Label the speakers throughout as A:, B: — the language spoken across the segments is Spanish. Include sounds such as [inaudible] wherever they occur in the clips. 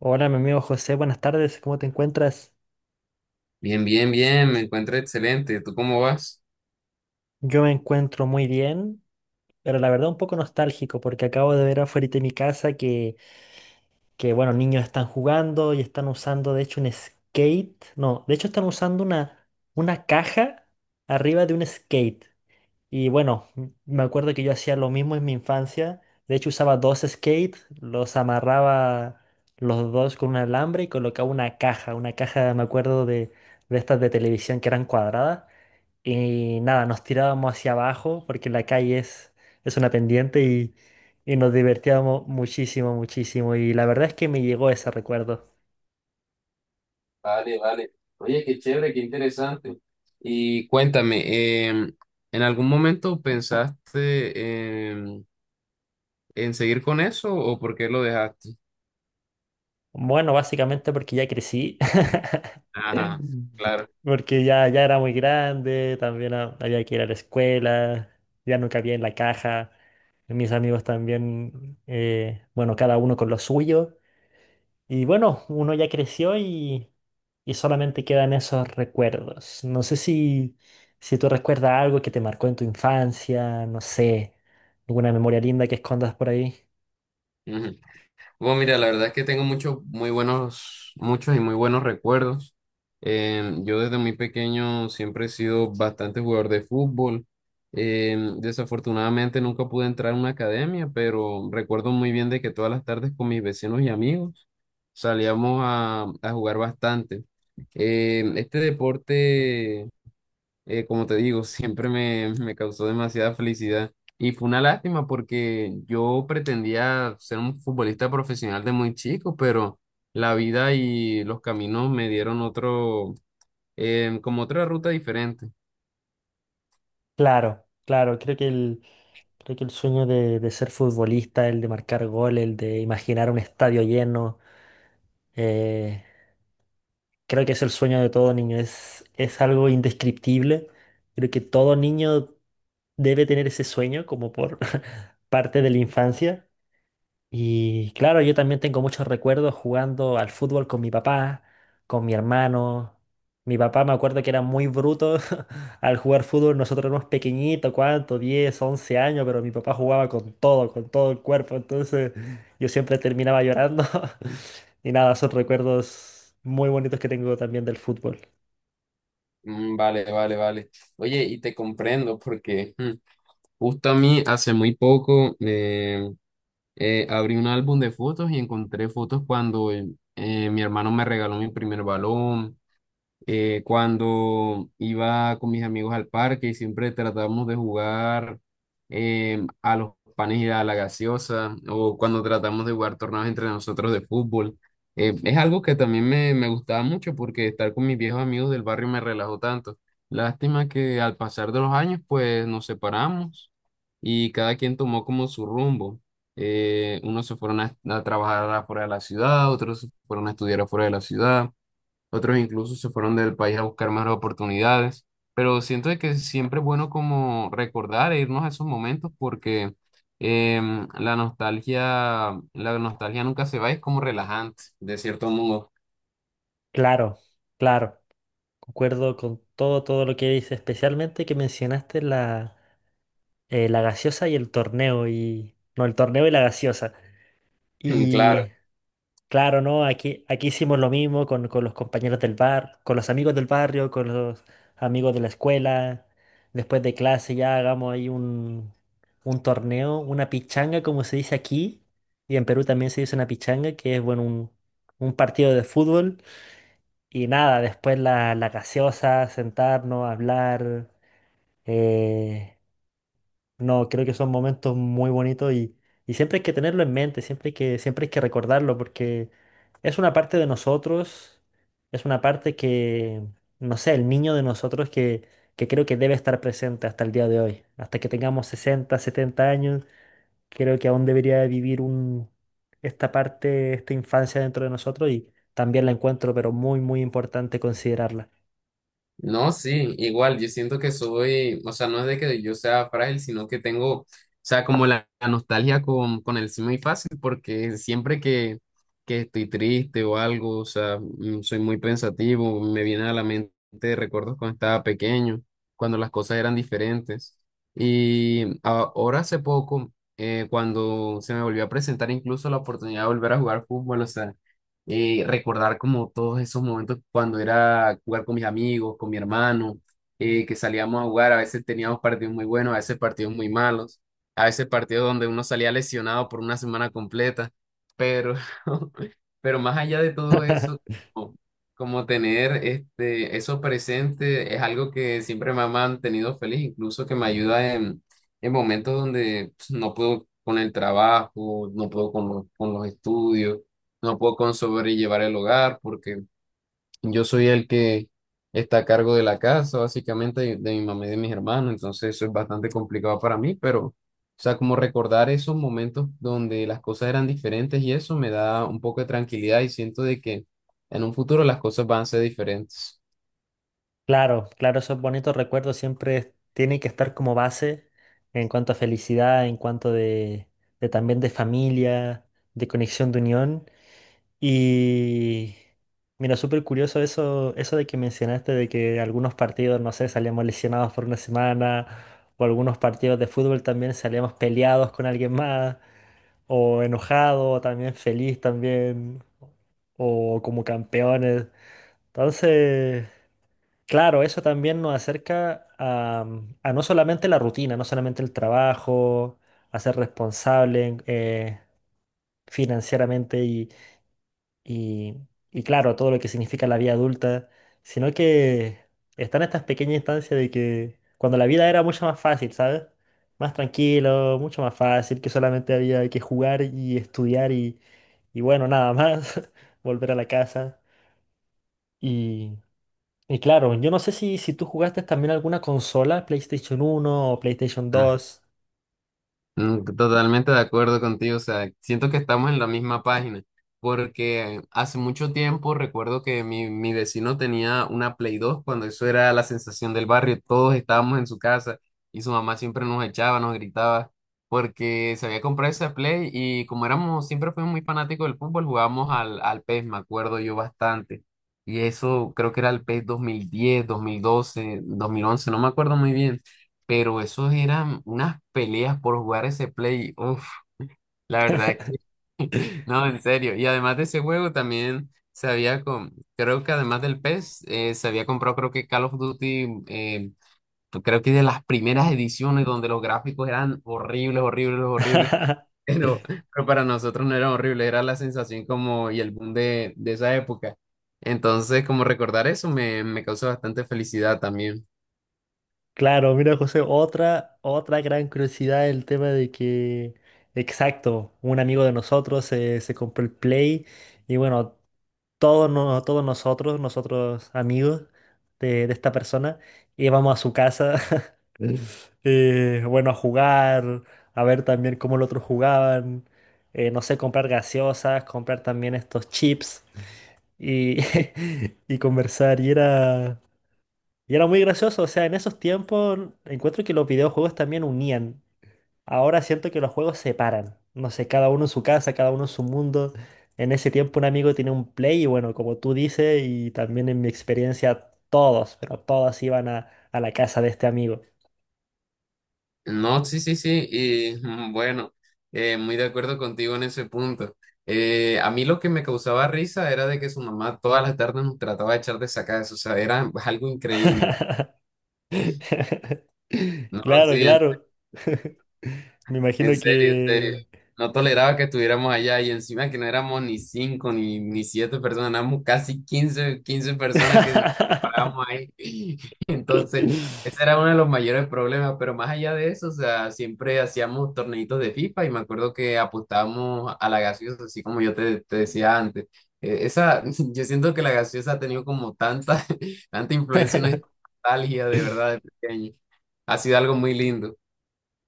A: Hola, mi amigo José, buenas tardes, ¿cómo te encuentras?
B: Bien, bien, bien, me encuentro excelente. ¿Tú cómo vas?
A: Yo me encuentro muy bien, pero la verdad un poco nostálgico porque acabo de ver afuera de mi casa que, bueno, niños están jugando y están usando, de hecho, un skate. No, de hecho están usando una caja arriba de un skate. Y bueno, me acuerdo que yo hacía lo mismo en mi infancia. De hecho usaba dos skates, los amarraba los dos con un alambre y colocaba una caja, me acuerdo de estas de televisión que eran cuadradas. Y nada, nos tirábamos hacia abajo porque la calle es una pendiente y nos divertíamos muchísimo, muchísimo. Y la verdad es que me llegó ese recuerdo.
B: Vale, vale. Oye, qué chévere, qué interesante. Y cuéntame, ¿en algún momento pensaste seguir con eso o por qué lo dejaste?
A: Bueno, básicamente porque ya crecí,
B: Ajá,
A: [laughs]
B: claro.
A: porque ya era muy grande, también había que ir a la escuela, ya no cabía en la caja. Mis amigos también, bueno, cada uno con lo suyo. Y bueno, uno ya creció y solamente quedan esos recuerdos. No sé si, si tú recuerdas algo que te marcó en tu infancia, no sé, alguna memoria linda que escondas por ahí.
B: Bueno, mira, la verdad es que tengo muchos, muy buenos, muchos y muy buenos recuerdos. Yo desde muy pequeño siempre he sido bastante jugador de fútbol. Desafortunadamente nunca pude entrar a una academia, pero recuerdo muy bien de que todas las tardes con mis vecinos y amigos salíamos a jugar bastante. Este deporte como te digo, siempre me, me causó demasiada felicidad. Y fue una lástima porque yo pretendía ser un futbolista profesional de muy chico, pero la vida y los caminos me dieron otro, como otra ruta diferente.
A: Claro, claro, creo que el sueño de ser futbolista, el de marcar goles, el de imaginar un estadio lleno, eh, creo que es el sueño de todo niño, es algo indescriptible. Creo que todo niño debe tener ese sueño como por [laughs] parte de la infancia. Y claro, yo también tengo muchos recuerdos jugando al fútbol con mi papá, con mi hermano. Mi papá me acuerdo que era muy bruto [laughs] al jugar fútbol. Nosotros éramos pequeñitos, ¿cuánto? 10 11 años, pero mi papá jugaba con todo el cuerpo. Entonces yo siempre terminaba llorando. [laughs] Y nada, son recuerdos muy bonitos que tengo también del fútbol.
B: Mm. Vale, vale, vale. Oye, y te comprendo porque mm, justo a mí hace muy poco abrí un álbum de fotos y encontré fotos cuando mi hermano me regaló mi primer balón cuando iba con mis amigos al parque y siempre tratábamos de jugar a los panes y a la gaseosa, o cuando tratamos de jugar torneos entre nosotros de fútbol. Es algo que también me gustaba mucho porque estar con mis viejos amigos del barrio me relajó tanto. Lástima que al pasar de los años, pues nos separamos y cada quien tomó como su rumbo. Unos se fueron a trabajar afuera de la ciudad, otros se fueron a estudiar afuera de la ciudad, otros incluso se fueron del país a buscar más oportunidades, pero siento de que siempre es bueno como recordar e irnos a esos momentos porque la nostalgia nunca se va, es como relajante, de cierto modo.
A: Claro, claro. Concuerdo con todo, todo lo que dices, especialmente que mencionaste la la gaseosa y el torneo y no, el torneo y la gaseosa.
B: [clears throat] Claro.
A: Y claro, ¿no? Aquí hicimos lo mismo con los compañeros del bar, con los amigos del barrio, con los amigos de la escuela. Después de clase ya hagamos ahí un torneo, una pichanga, como se dice aquí. Y en Perú también se dice una pichanga, que es, bueno, un partido de fútbol. Y nada, después la gaseosa, sentarnos, hablar. eh, No, creo que son momentos muy bonitos y siempre hay que tenerlo en mente, siempre hay que recordarlo porque es una parte de nosotros, es una parte que, no sé, el niño de nosotros que creo que debe estar presente hasta el día de hoy, hasta que tengamos 60, 70 años, creo que aún debería vivir esta parte, esta infancia dentro de nosotros y también la encuentro, pero muy, muy importante considerarla.
B: No, sí, igual, yo siento que soy, o sea, no es de que yo sea frágil, sino que tengo, o sea, como la nostalgia con el sí muy fácil, porque siempre que estoy triste o algo, o sea, mm, soy muy pensativo, me vienen a la mente recuerdos cuando estaba pequeño, cuando las cosas eran diferentes. Y ahora hace poco, cuando se me volvió a presentar incluso la oportunidad de volver a jugar fútbol, o sea, recordar como todos esos momentos cuando era jugar con mis amigos, con mi hermano, que salíamos a jugar, a veces teníamos partidos muy buenos, a veces partidos muy malos, a veces partidos donde uno salía lesionado por una semana completa, pero [laughs] pero más allá de todo eso, como, como tener este, eso presente es algo que siempre me ha mantenido feliz, incluso que me ayuda en momentos donde pues, no puedo con el trabajo, no puedo con los estudios, no puedo con sobrellevar el hogar porque yo soy el que está a cargo de la casa, básicamente de mi mamá y de mis hermanos, entonces eso es bastante complicado para mí, pero, o sea, como recordar esos momentos donde las cosas eran diferentes y eso me da un poco de tranquilidad y siento de que en un futuro las cosas van a ser diferentes.
A: Claro, claro, esos bonitos recuerdos siempre tienen que estar como base en cuanto a felicidad, en cuanto de también de familia, de conexión, de unión. Y mira, súper curioso eso de que mencionaste de que algunos partidos, no sé, salíamos lesionados por una semana, o algunos partidos de fútbol también salíamos peleados con alguien más, o enojado, o también feliz también, o como campeones. Entonces... Claro, eso también nos acerca a no solamente la rutina, no solamente el trabajo, a ser responsable financieramente y, y claro, todo lo que significa la vida adulta, sino que están estas pequeñas instancias de que cuando la vida era mucho más fácil, ¿sabes? Más tranquilo, mucho más fácil, que solamente había que jugar y estudiar y bueno, nada más, [laughs] volver a la casa y claro, yo no sé si, tú jugaste también alguna consola, PlayStation 1 o PlayStation 2.
B: Mm. Totalmente de acuerdo contigo, o sea, siento que estamos en la misma página, porque hace mucho tiempo recuerdo que mi vecino tenía una Play 2 cuando eso era la sensación del barrio, todos estábamos en su casa y su mamá siempre nos echaba, nos gritaba, porque se había comprado esa Play y como éramos, siempre fuimos muy fanáticos del fútbol, jugábamos al, al PES, me acuerdo yo bastante, y eso creo que era el PES 2010, 2012, 2011, no me acuerdo muy bien. Pero esos eran unas peleas por jugar ese play. Uf, la verdad es que [laughs] no, en serio. Y además de ese juego también se había, con, creo que además del PES, se había comprado creo que Call of Duty, creo que de las primeras ediciones donde los gráficos eran horribles, horribles, horribles. [laughs]
A: [laughs]
B: Pero para nosotros no era horrible, era la sensación como y el boom de esa época. Entonces, como recordar eso me, me causó bastante felicidad también.
A: Claro, mira, José, otra gran curiosidad el tema de que, exacto, un amigo de nosotros se compró el Play y bueno, todos, no- todos nosotros, amigos de esta persona, íbamos a su casa, [laughs] Mm. Bueno, a jugar, a ver también cómo los otros jugaban, no sé, comprar gaseosas, comprar también estos chips. Y, [laughs] y conversar. Y era muy gracioso. O sea, en esos tiempos encuentro que los videojuegos también unían. Ahora siento que los juegos separan. No sé, cada uno en su casa, cada uno en su mundo. En ese tiempo un amigo tenía un Play y bueno, como tú dices, y también en mi experiencia todos, pero todos iban a la casa de este amigo.
B: No, sí, sí, sí, y mm, bueno, muy de acuerdo contigo en ese punto. A mí lo que me causaba risa era de que su mamá todas las tardes nos trataba de echar de sacadas, o sea, era algo increíble,
A: [laughs]
B: ¿no?
A: Claro,
B: Sí, en...
A: claro. [laughs] Me imagino
B: En serio, en serio.
A: que...
B: No toleraba que estuviéramos allá y encima que no éramos ni cinco ni, ni siete personas, éramos casi quince personas que nos parábamos
A: [laughs]
B: ahí. [laughs] Entonces, ese era uno de los mayores problemas, pero más allá de eso, o sea, siempre hacíamos torneitos de FIFA y me acuerdo que apostábamos a la gaseosa, así como yo te, te decía antes. Esa, [laughs] yo siento que la gaseosa ha tenido como tanta, [laughs] tanta influencia en nuestra nostalgia de verdad de pequeño. Ha sido algo muy lindo.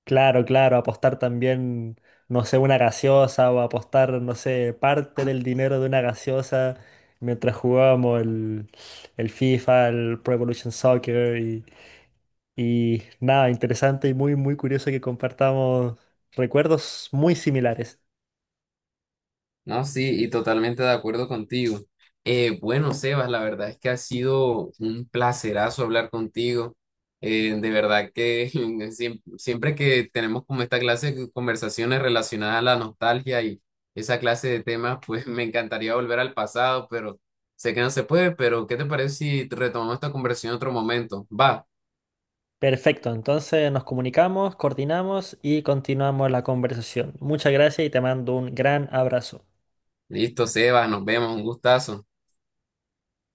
A: Claro, claro, apostar también, no sé, una gaseosa o apostar, no sé, parte del dinero de una gaseosa mientras jugábamos el FIFA, el Pro Evolution Soccer y nada, interesante y muy, muy curioso que compartamos recuerdos muy similares.
B: No, sí, y totalmente de acuerdo contigo. Bueno, Sebas, la verdad es que ha sido un placerazo hablar contigo. De verdad que [laughs] siempre, que tenemos como esta clase de conversaciones relacionadas a la nostalgia y esa clase de temas, pues [laughs] me encantaría volver al pasado, pero sé que no se puede, pero ¿qué te parece si retomamos esta conversación en otro momento? Va,
A: Perfecto, entonces nos comunicamos, coordinamos y continuamos la conversación. Muchas gracias y te mando un gran abrazo.
B: listo, Sebas, nos vemos, un gustazo.